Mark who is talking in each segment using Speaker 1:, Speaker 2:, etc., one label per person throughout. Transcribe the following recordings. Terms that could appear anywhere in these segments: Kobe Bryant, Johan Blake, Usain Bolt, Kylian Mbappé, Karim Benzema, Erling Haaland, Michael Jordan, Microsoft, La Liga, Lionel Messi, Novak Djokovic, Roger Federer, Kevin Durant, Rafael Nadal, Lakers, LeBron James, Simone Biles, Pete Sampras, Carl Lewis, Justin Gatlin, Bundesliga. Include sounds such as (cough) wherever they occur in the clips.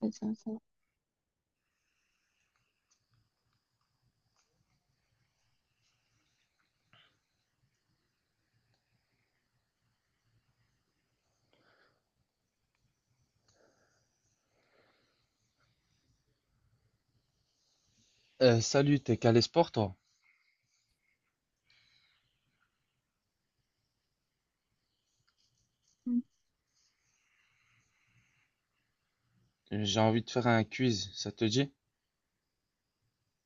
Speaker 1: Ouais, c'est ça.
Speaker 2: Eh, salut, t'es calé sport, toi?
Speaker 1: Mm.
Speaker 2: J'ai envie de faire un quiz, ça te dit?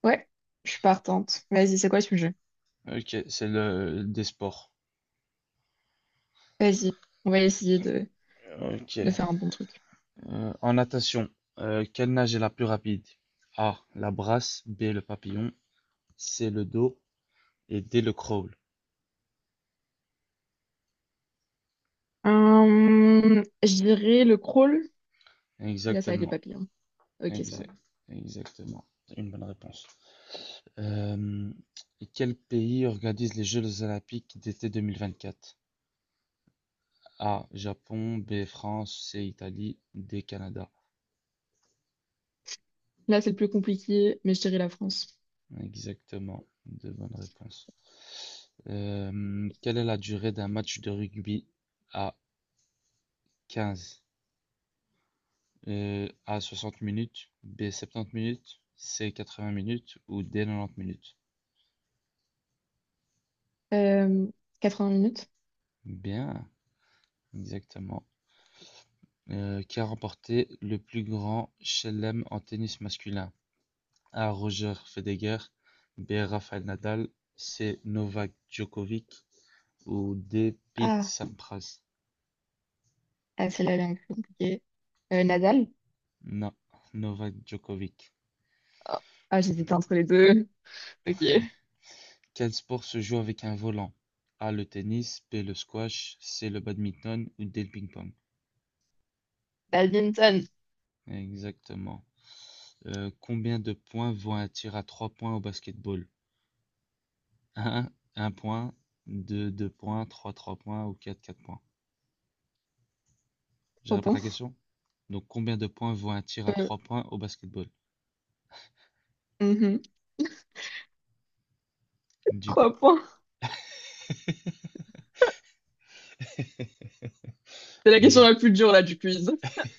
Speaker 1: Ouais, je suis partante. Vas-y, c'est quoi le sujet?
Speaker 2: Ok, c'est le des sports.
Speaker 1: Vas-y, on va essayer de,
Speaker 2: Ok.
Speaker 1: de faire un bon truc.
Speaker 2: En natation, quelle nage est la plus rapide? A, la brasse, B, le papillon, C, le dos et D, le crawl.
Speaker 1: Je dirais le crawl. Et là, ça va être les
Speaker 2: Exactement,
Speaker 1: papillons. Ok, ça va.
Speaker 2: exact, exactement. Une bonne réponse. Euh, et quel pays organise les Jeux olympiques d'été 2024? A, Japon, B, France, C, Italie, D, Canada.
Speaker 1: Là, c'est le plus compliqué, mais je dirais la France.
Speaker 2: Exactement, de bonnes réponses. Quelle est la durée d'un match de rugby A 15? A 60 minutes, B 70 minutes, C 80 minutes ou D 90 minutes?
Speaker 1: Euh, 80 minutes.
Speaker 2: Bien, exactement. Qui a remporté le plus grand chelem en tennis masculin? A Roger Federer, B Rafael Nadal, C Novak Djokovic ou D Pete
Speaker 1: Ah,
Speaker 2: Sampras?
Speaker 1: ah, celle-là, elle est un peu compliquée. Nadal?
Speaker 2: Non, Novak Djokovic.
Speaker 1: Ah, ah, j'hésite entre les deux. Ok.
Speaker 2: (laughs) Quel sport se joue avec un volant? A le tennis, B le squash, C le badminton ou D le ping-pong.
Speaker 1: Badminton,
Speaker 2: Exactement. Combien de points vaut un tir à 3 points au basketball? Un point, 2, 2 points, 3, 3 points ou 4, 4 points. Je
Speaker 1: trois
Speaker 2: répète la
Speaker 1: points.
Speaker 2: question. Donc combien de points vaut un tir à
Speaker 1: Euh,
Speaker 2: trois points au basketball?
Speaker 1: mhm,
Speaker 2: Du coup.
Speaker 1: trois points.
Speaker 2: (laughs)
Speaker 1: C'est la question
Speaker 2: Ex-
Speaker 1: la plus dure là du quiz.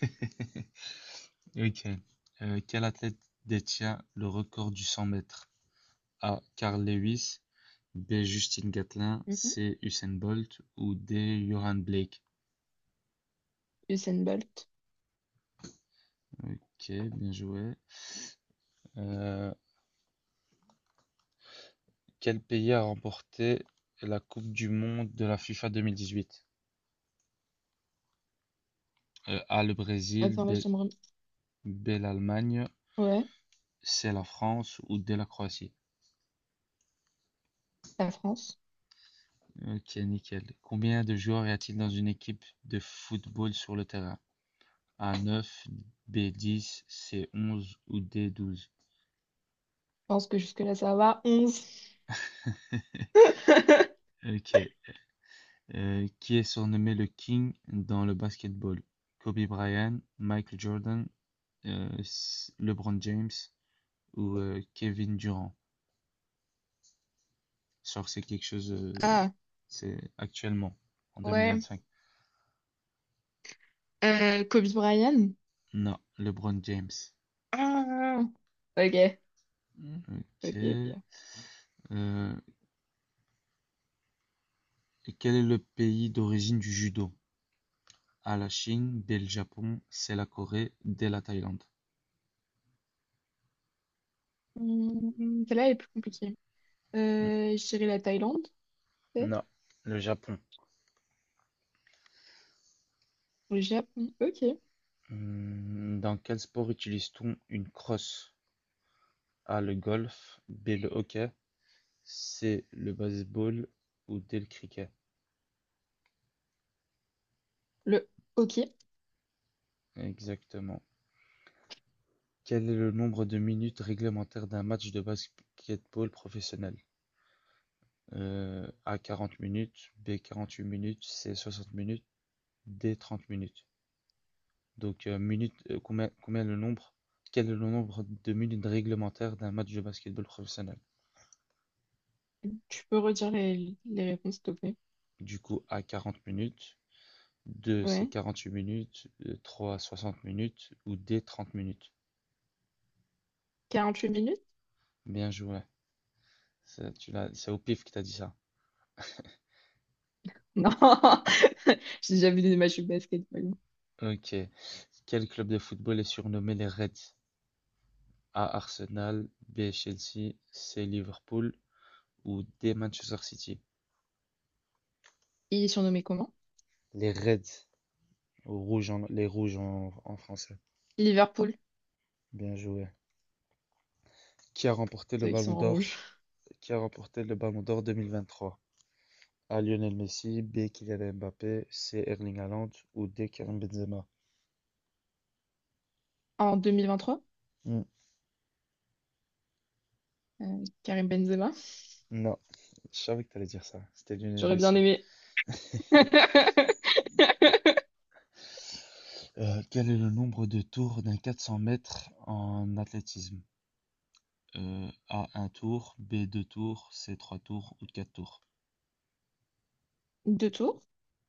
Speaker 2: (laughs) Ok. Quel athlète détient le record du 100 mètres? A. Carl Lewis, B. Justin Gatlin,
Speaker 1: Mhm.
Speaker 2: C. Usain Bolt ou D. Johan Blake.
Speaker 1: Usain Bolt.
Speaker 2: Ok, bien joué. Euh, quel pays a remporté la Coupe du Monde de la FIFA 2018. A. Le Brésil,
Speaker 1: Attends, là,
Speaker 2: B, L'Allemagne,
Speaker 1: ouais,
Speaker 2: C. La France ou D. La Croatie.
Speaker 1: la France.
Speaker 2: Ok, nickel. Combien de joueurs y a-t-il dans une équipe de football sur le terrain? A. 9, B. 10, C. 11 ou D. douze.
Speaker 1: Je pense que jusque-là, ça va. 11. (laughs)
Speaker 2: Ok, qui est surnommé le King dans le basketball. Kobe Bryant, Michael Jordan, euh, LeBron James ou Kevin Durant. Genre, c'est quelque chose,
Speaker 1: Ah,
Speaker 2: c'est actuellement, en
Speaker 1: ouais.
Speaker 2: 2025.
Speaker 1: Kobe Bryant.
Speaker 2: Non, LeBron James.
Speaker 1: Ah, ok,
Speaker 2: Ok.
Speaker 1: ok, ok.
Speaker 2: Euh, quel est le pays d'origine du judo? A, la Chine, B, le Japon, C, la Corée, D, la Thaïlande.
Speaker 1: Hmm, celle-là est plus compliquée.
Speaker 2: Hmm,
Speaker 1: Je dirais la Thaïlande, peut-être.
Speaker 2: non, le Japon.
Speaker 1: Ou le Japon. Ok.
Speaker 2: Hmm, dans quel sport utilise-t-on une crosse? A le golf, B le hockey, C le baseball ou D le cricket.
Speaker 1: Le... Ok.
Speaker 2: Exactement. Quel est le nombre de minutes réglementaires d'un match de basketball professionnel? A 40 minutes, B 48 minutes, C 60 minutes, D 30 minutes. Donc minutes, combien le nombre? Quel est le nombre de minutes réglementaires d'un match de basketball professionnel?
Speaker 1: Tu peux redire les réponses, s'il te plaît.
Speaker 2: Du coup, A 40 minutes, 2 c'est
Speaker 1: Ouais.
Speaker 2: 48 minutes, 3 60 minutes ou D 30 minutes.
Speaker 1: 48 minutes?
Speaker 2: Bien joué. Tu l'as, c'est au pif que t'as dit ça.
Speaker 1: Non, (laughs) j'ai déjà vu des matchs de basket, mais bon.
Speaker 2: Ok. Quel club de football est surnommé les Reds? A. Arsenal, B. Chelsea, C. Liverpool ou D. Manchester City?
Speaker 1: Il est surnommé comment?
Speaker 2: Les Reds, les rouges en français.
Speaker 1: Liverpool,
Speaker 2: Bien joué. Qui a remporté le
Speaker 1: ceux qui sont
Speaker 2: Ballon
Speaker 1: en
Speaker 2: d'Or?
Speaker 1: rouge.
Speaker 2: Qui a remporté le Ballon d'Or 2023? A. Lionel Messi, B. Kylian Mbappé, C. Erling Haaland ou D. Karim Benzema?
Speaker 1: En 2023,
Speaker 2: Hmm,
Speaker 1: Karim Benzema.
Speaker 2: non, je savais que t'allais dire ça. C'était Lionel
Speaker 1: J'aurais bien
Speaker 2: Messi.
Speaker 1: aimé. (laughs)
Speaker 2: Quel est le nombre de tours d'un 400 mètres en athlétisme? A un tour, B deux tours, C trois tours ou quatre tours?
Speaker 1: Deux tours?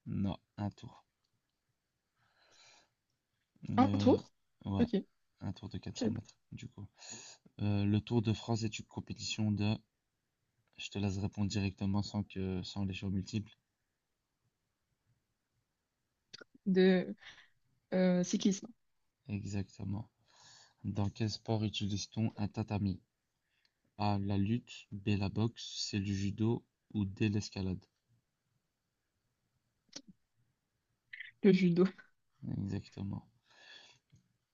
Speaker 2: Non, un tour.
Speaker 1: Un
Speaker 2: Euh,
Speaker 1: tour?
Speaker 2: ouais,
Speaker 1: Ok. je
Speaker 2: un tour de 400 mètres, du coup. Le Tour de France est une compétition de... Je te laisse répondre directement sans les choix multiples.
Speaker 1: De cyclisme,
Speaker 2: Exactement. Dans quel sport utilise-t-on un tatami? A, la lutte, B, la boxe, C, le judo ou D, l'escalade?
Speaker 1: le judo.
Speaker 2: Exactement.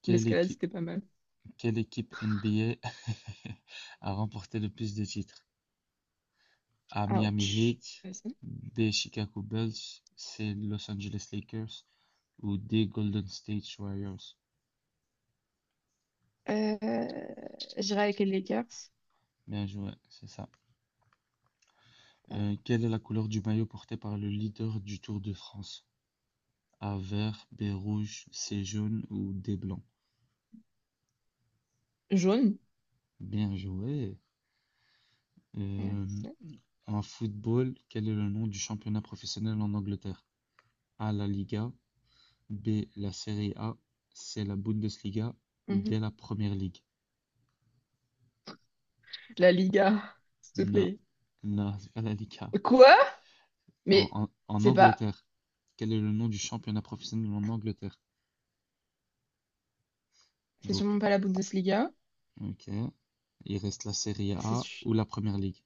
Speaker 2: Quelle
Speaker 1: L'escalade,
Speaker 2: équipe...
Speaker 1: c'était pas mal.
Speaker 2: Quelle équipe NBA a (laughs) a remporté le plus de titres? A Miami
Speaker 1: Ouch.
Speaker 2: Heat,
Speaker 1: Vas-y.
Speaker 2: B Chicago Bulls, C Los Angeles Lakers ou D Golden State Warriors.
Speaker 1: Euh, j'irai avec les Lakers.
Speaker 2: Bien joué, c'est ça. Quelle est la couleur du maillot porté par le leader du Tour de France? A vert, B rouge, C jaune ou D blanc.
Speaker 1: Jaune.
Speaker 2: Bien joué. Euh,
Speaker 1: Merci.
Speaker 2: en football, quel est le nom du championnat professionnel en Angleterre? A la Liga, B. La Serie A, c'est la Bundesliga ou
Speaker 1: Mhm.
Speaker 2: dès la Premier League.
Speaker 1: La Liga, s'il te
Speaker 2: Na,
Speaker 1: plaît.
Speaker 2: na, Scalavica.
Speaker 1: Quoi?
Speaker 2: En,
Speaker 1: Mais
Speaker 2: en, en
Speaker 1: c'est pas.
Speaker 2: Angleterre, quel est le nom du championnat professionnel en Angleterre?
Speaker 1: C'est
Speaker 2: Donc,
Speaker 1: sûrement pas la Bundesliga.
Speaker 2: ok. Il reste la Serie
Speaker 1: C'est
Speaker 2: A
Speaker 1: su-
Speaker 2: ou la Première Ligue.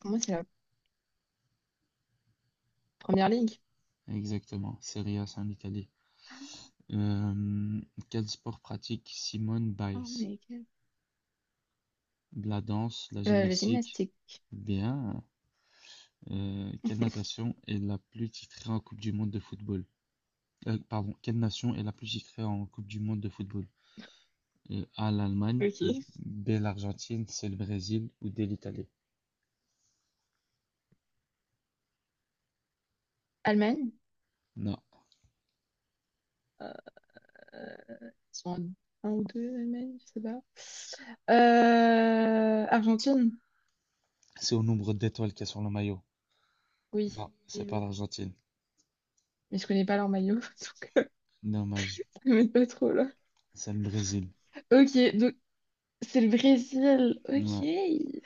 Speaker 1: Pour moi, c'est la première ligue.
Speaker 2: Exactement. Serie A, c'est en Italie. Euh, quel sport pratique Simone
Speaker 1: Oh,
Speaker 2: Biles?
Speaker 1: mais
Speaker 2: La danse, la
Speaker 1: La
Speaker 2: gymnastique.
Speaker 1: gymnastique.
Speaker 2: Bien. Quelle natation est la plus titrée en Coupe du Monde de football? Pardon, quelle nation est la plus titrée en Coupe du monde de football? A, l'Allemagne,
Speaker 1: Ok.
Speaker 2: B, l'Argentine, C, le Brésil ou D, l'Italie?
Speaker 1: Allemagne.
Speaker 2: Non,
Speaker 1: Euh, ils sont en 1 ou 2 Allemagne, je sais pas. Argentine.
Speaker 2: c'est au nombre d'étoiles qu'il y a sur le maillot.
Speaker 1: Oui.
Speaker 2: Non, c'est
Speaker 1: Oui,
Speaker 2: pas
Speaker 1: oui.
Speaker 2: l'Argentine.
Speaker 1: Mais je connais pas leur maillot, (laughs) donc
Speaker 2: Dommage,
Speaker 1: je m'aide pas trop là.
Speaker 2: c'est le Brésil.
Speaker 1: Ok, donc c'est le Brésil.
Speaker 2: Ouais.
Speaker 1: Ok.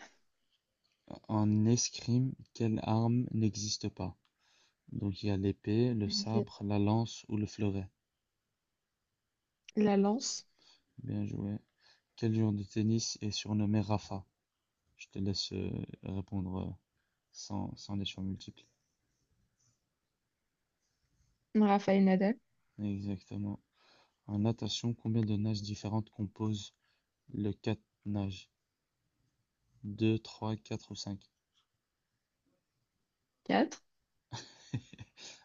Speaker 2: En escrime, quelle arme n'existe pas? Donc il y a l'épée, le sabre, la lance ou le fleuret.
Speaker 1: La lance.
Speaker 2: Bien joué. Quel joueur de tennis est surnommé Rafa? Je te laisse répondre sans les choix multiples.
Speaker 1: Rafael Nadal.
Speaker 2: Exactement. En natation, combien de nages différentes composent le quatre-nages? Deux, trois, quatre ou cinq.
Speaker 1: Quatre.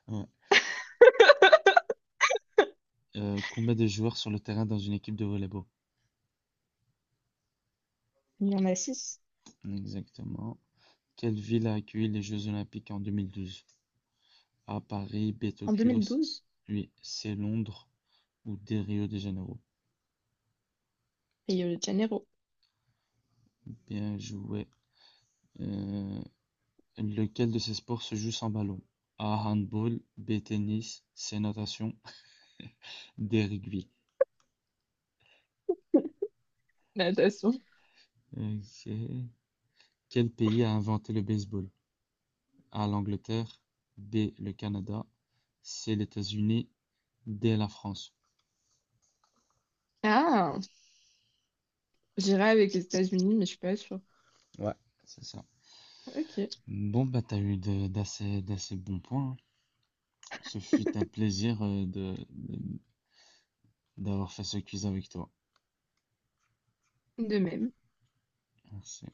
Speaker 2: Ouais. Combien de joueurs sur le terrain dans une équipe de volleyball?
Speaker 1: Il y en a six.
Speaker 2: Exactement. Quelle ville a accueilli les Jeux Olympiques en 2012? A, Paris, B,
Speaker 1: En
Speaker 2: Tokyo,
Speaker 1: 2012.
Speaker 2: oui, C, Londres ou D, Rio de Janeiro.
Speaker 1: Rio de Janeiro.
Speaker 2: Bien joué. Euh, lequel de ces sports se joue sans ballon? A, handball, B, tennis, C, natation, D, rugby.
Speaker 1: Natation.
Speaker 2: Ok. Quel pays a inventé le baseball? A l'Angleterre, B le Canada, C les États-Unis, D la France.
Speaker 1: Ah, j'irai avec les États-Unis, mais je suis pas sûre.
Speaker 2: Ouais. C'est ça.
Speaker 1: Ok,
Speaker 2: Bon, bah, d'assez bons points. Hein. Ce fut un
Speaker 1: (laughs)
Speaker 2: plaisir d'avoir fait ce quiz avec toi.
Speaker 1: de même.
Speaker 2: Merci.